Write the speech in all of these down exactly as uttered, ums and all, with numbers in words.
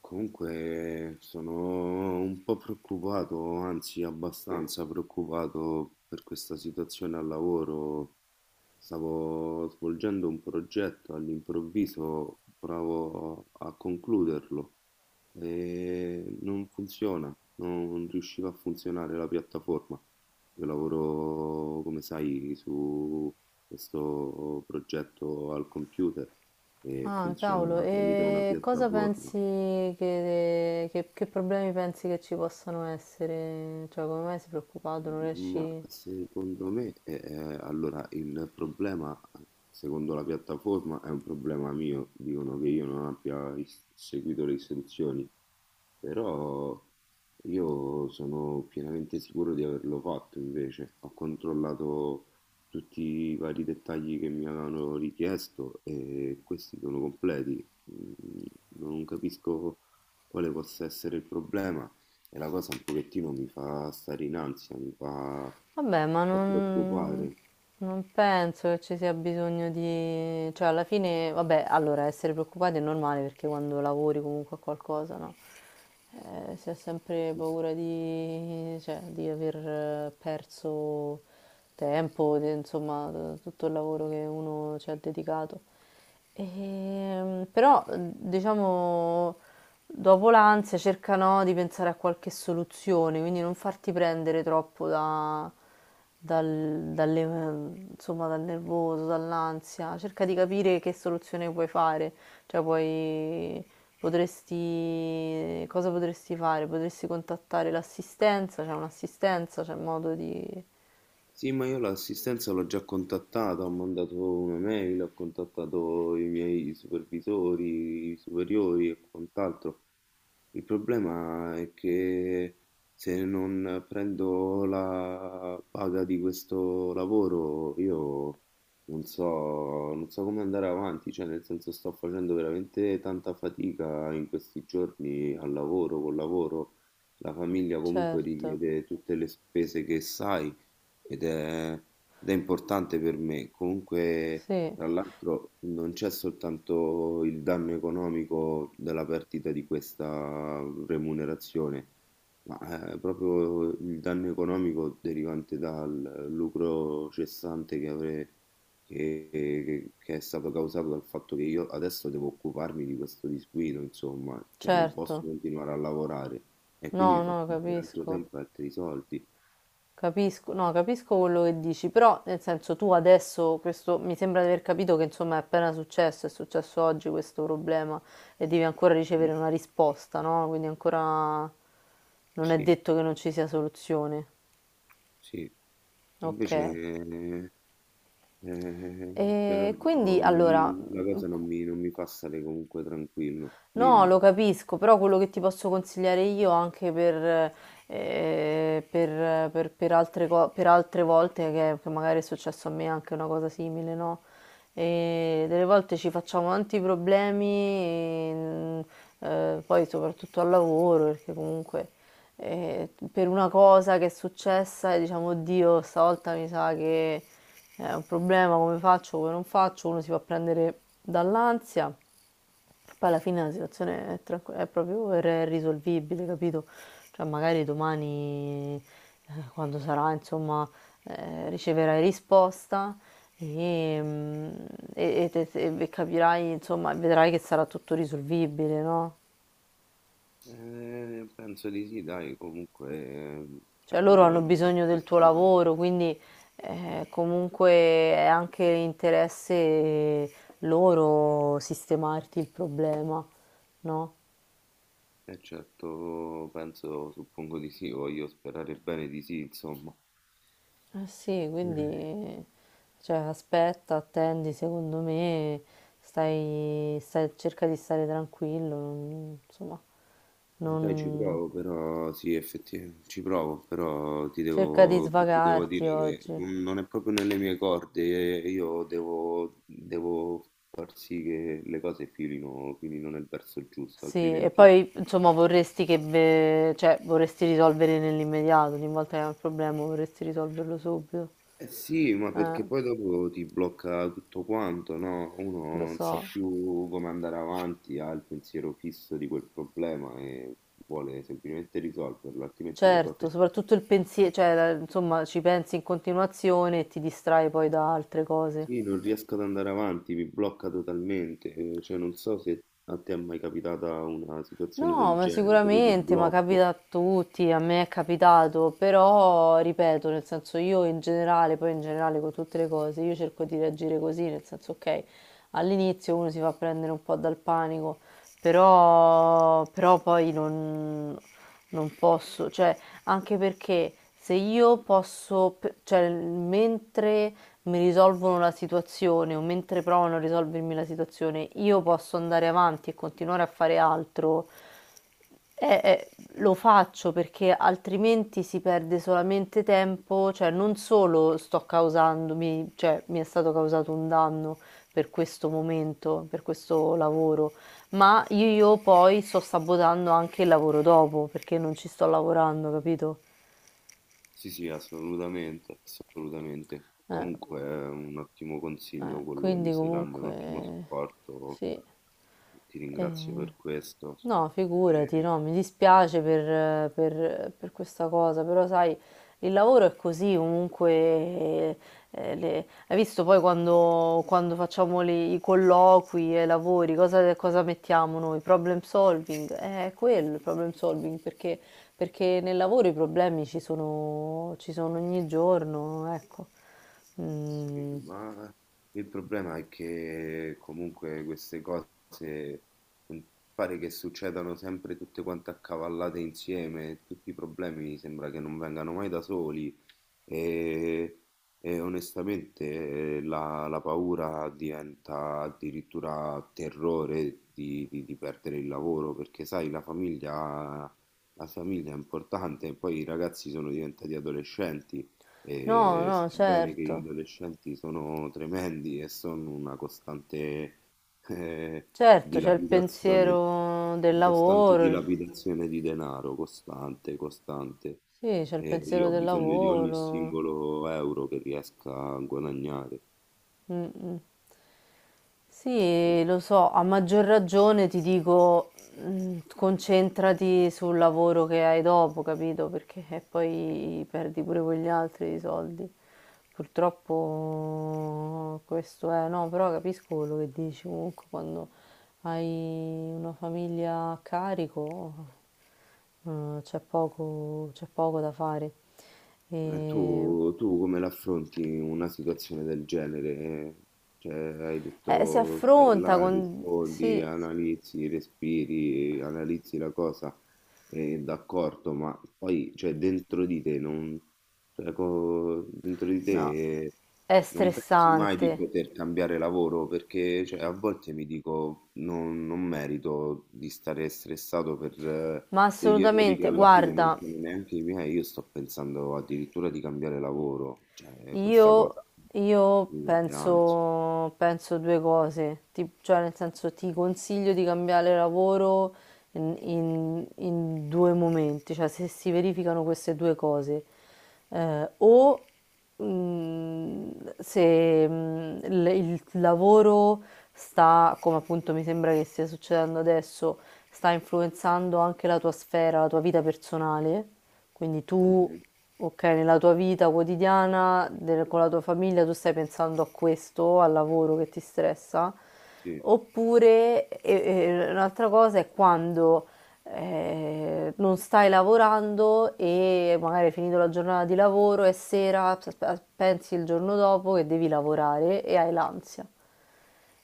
Comunque sono un po' preoccupato, anzi abbastanza preoccupato per questa situazione al lavoro. Stavo svolgendo un progetto, all'improvviso provo a concluderlo e non funziona, non riusciva a funzionare la piattaforma. Io lavoro, come sai, su questo progetto al computer e Ah, cavolo, funziona tramite una e cosa pensi piattaforma. che, che- che problemi pensi che ci possano essere? Cioè, come mai sei preoccupato? Non Ma riesci... secondo me, ehm, allora il problema, secondo la piattaforma, è un problema mio. Dicono che io non abbia is seguito le istruzioni. Però io sono pienamente sicuro di averlo fatto invece. Ho controllato tutti i vari dettagli che mi avevano richiesto e questi sono completi. Mm, Non capisco quale possa essere il problema e la cosa un pochettino mi fa stare in ansia, mi fa, Vabbè, ma fa non, preoccupare. non penso che ci sia bisogno di... Cioè, alla fine, vabbè, allora, essere preoccupati è normale perché quando lavori comunque a qualcosa, no? Eh, si ha sempre paura di, cioè, di aver eh, perso tempo, di- insomma, t- tutto il lavoro che uno ci ha dedicato. Ehm, però, diciamo, dopo l'ansia cerca, no, di pensare a qualche soluzione, quindi non farti prendere troppo da, dal, dalle- insomma, dal nervoso, dall'ansia, cerca di capire che soluzione puoi fare, cioè puoi, potresti, cosa potresti fare? Potresti contattare l'assistenza, c'è un'assistenza, c'è modo di... Sì, ma io l'assistenza l'ho già contattata, ho mandato una mail, ho contattato i miei supervisori, i superiori e quant'altro. Il problema è che se non prendo la paga di questo lavoro, io non so, non so come andare avanti, cioè nel senso sto facendo veramente tanta fatica in questi giorni al lavoro, col lavoro. La famiglia comunque Certo, richiede tutte le spese che sai, ed è, ed è importante per me. Comunque, sì, tra l'altro, non c'è soltanto il danno economico della perdita di questa remunerazione, ma eh, proprio il danno economico derivante dal lucro cessante che avrei. Che, che- che è stato causato dal fatto che io adesso devo occuparmi di questo disguido, insomma, cioè non posso certo, continuare a lavorare e no, quindi mi fa no, perdere altro capisco. tempo e altri soldi. Capisco, no, capisco quello che dici, però nel senso tu adesso, questo, mi sembra di aver capito che insomma è appena successo, è successo oggi questo problema e devi ancora ricevere Sì, una risposta, no? Quindi ancora non è sì. detto che non ci sia soluzione. Sì. Invece, Ok. eh, eh, però E quindi allora non- la cosa non mi, non mi fa stare comunque tranquillo. no, Dimmi. lo capisco, però quello che ti posso consigliare io anche per, eh, per- per- per altre, co- per altre volte che, che magari è successo a me anche una cosa simile, no? E delle volte ci facciamo tanti problemi, e, mm, eh, poi soprattutto al lavoro, perché comunque eh, per una cosa che è successa e diciamo, oddio, stavolta mi sa che è un problema, come faccio, come non faccio, uno si fa prendere dall'ansia. Poi alla fine la situazione è, tranqu- è proprio r- risolvibile, capito? Cioè magari domani, eh, quando sarà, insomma, eh, riceverai risposta e, mm, e- e te- te- e capirai, insomma, vedrai che sarà tutto risolvibile, no? Eh, penso di sì, dai, comunque eh, Cioè cioè, a loro hanno livello bisogno del tuo professionale. lavoro, quindi eh, comunque è anche interesse loro sistemarti il problema, no? E certo, penso, suppongo di sì, voglio sperare bene di sì, insomma. Eh sì, quindi cioè, aspetta, attendi, secondo me stai, stai- cerca di stare tranquillo, non- insomma, Eh, Dai, ci non, non- provo, però sì, effettivamente ci provo, però ti cerca di devo, ti devo svagarti dire che oggi. non non è proprio nelle mie corde, eh, io devo, devo far sì che le cose filino, filino nel verso giusto, Sì, e altrimenti... poi insomma vorresti che, ve- cioè, vorresti risolvere nell'immediato, ogni volta che hai un problema vorresti risolverlo subito. Eh sì, ma Eh, perché poi dopo ti blocca tutto quanto, no? Uno lo non sa so. più come andare avanti, ha il pensiero fisso di quel problema e vuole semplicemente risolverlo, altrimenti le cose. Certo, soprattutto il pensiero, cioè, la- insomma, ci pensi in continuazione e ti distrai poi da altre cose. Sì, non riesco ad andare avanti, mi blocca totalmente, eh, cioè non so se a te è mai capitata una situazione No, del ma genere, proprio di sicuramente, ma blocco. capita a tutti, a me è capitato, però ripeto, nel senso io in generale, poi in generale con tutte le cose, io cerco di reagire così, nel senso ok, all'inizio uno si fa prendere un po' dal panico, però, però poi non, non posso, cioè anche perché se io posso, pe- cioè mentre mi risolvono la situazione o mentre provano a risolvermi la situazione, io posso andare avanti e continuare a fare altro, eh, eh, lo faccio perché altrimenti si perde solamente tempo, cioè non solo sto causandomi, cioè mi è stato causato un danno per questo momento, per questo lavoro, ma io, io poi sto sabotando anche il lavoro dopo perché non ci sto lavorando, capito? Sì, sì, assolutamente, assolutamente. Eh. Comunque è un ottimo consiglio Eh, quello che mi quindi stai dando, è un ottimo comunque supporto, sì. ti ringrazio Eh, per questo. no, figurati, Eh, no, mi dispiace per, per- per questa cosa, però sai, il lavoro è così, comunque, eh, le- hai visto poi quando, quando facciamo le- i colloqui e i lavori, cosa, cosa mettiamo noi? Problem solving. Eh, è quello il problem solving, perché, perché nel lavoro i problemi ci sono, ci sono ogni giorno, ecco. Sì, Mm. ma il problema è che comunque queste cose non pare che succedano sempre tutte quante accavallate insieme, tutti i problemi sembra che non vengano mai da soli. E, e onestamente eh, la, la paura diventa addirittura terrore di, di- di perdere il lavoro, perché sai, la famiglia, la famiglia è importante, e poi i ragazzi sono diventati adolescenti, No, e no, sebbene che gli certo. adolescenti sono tremendi e sono una costante eh, Certo, c'è il dilapidazione, pensiero del una costante lavoro. Il- dilapidazione di denaro, costante, costante. Sì, c'è il E pensiero io ho del bisogno di, capito? Ogni lavoro. singolo euro che riesca a guadagnare. Mm, mm. Sì, lo so, a maggior ragione ti dico, mm, concentrati sul lavoro che hai dopo, capito? Perché eh, poi perdi pure quegli altri soldi. Purtroppo questo è, no, però capisco quello che dici comunque quando hai una famiglia a carico. Mhmm, c'è poco c'è poco da fare. E tu, Ehm, tu come l'affronti una situazione del genere? Cioè, hai eh, si detto stai affronta là, con rispondi, sì, analizzi, respiri, analizzi la cosa. Eh, d'accordo, ma poi, cioè, dentro di te non, cioè, co- dentro di no, te è non pensi mai di stressante, poter cambiare lavoro perché, cioè, a volte mi dico non, non merito di stare stressato per eh, ma degli errori che assolutamente. alla fine non Guarda, sono neanche i miei. Io sto pensando addirittura di cambiare lavoro, cioè, questa io, cosa io mi mette ansia. penso, penso due cose, ti- cioè nel senso ti consiglio di cambiare lavoro in, in- in due momenti, cioè se si verificano queste due cose, Eh, o mm, se mm, il, il lavoro sta, come appunto mi sembra che stia succedendo adesso, sta influenzando anche la tua sfera, la tua vita personale quindi tu, Mhm. ok, nella tua vita quotidiana, del- con la tua famiglia, tu stai pensando a questo, al lavoro che ti stressa, Sì, oppure e- e un'altra cosa è quando eh, non stai lavorando e magari hai finito la giornata di lavoro e sera p- pensi il giorno dopo che devi lavorare e hai l'ansia.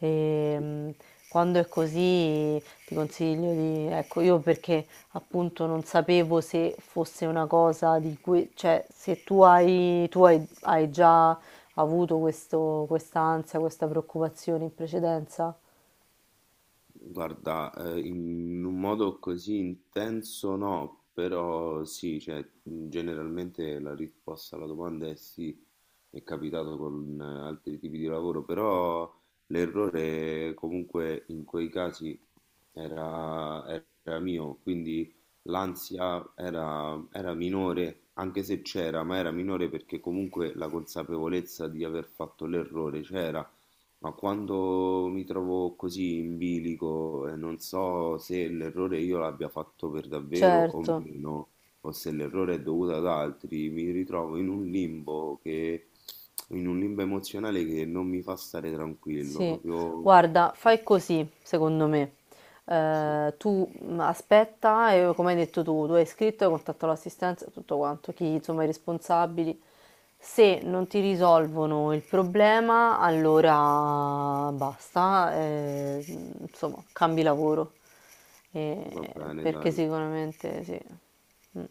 E, sì. mh, Quando è così ti consiglio di, ecco, io perché appunto non sapevo se fosse una cosa di cui, cioè se tu hai, tu hai, hai già avuto questo, questa ansia, questa preoccupazione in precedenza. Guarda, eh, in un modo così intenso no, però sì, cioè, mh, generalmente la risposta alla domanda è sì, è capitato con eh, altri tipi di lavoro, però l'errore comunque in quei casi era, era mio, quindi l'ansia era, era minore, anche se c'era, ma era minore perché comunque la consapevolezza di aver fatto l'errore c'era, ma quando mi trovo così in bilico e non so se l'errore io l'abbia fatto per davvero o Certo. meno, o se l'errore è dovuto ad altri, mi ritrovo in un limbo che, in un limbo emozionale che non mi fa stare tranquillo, Sì, proprio. guarda, fai così, secondo me. Sì, Eh, tu mh, aspetta e come hai detto tu, tu hai scritto, hai contattato l'assistenza, tutto quanto, chi insomma i responsabili. Se non ti risolvono il problema, allora basta, eh, insomma, cambi lavoro. Eh, va bene, perché dai. sicuramente sì. Mm.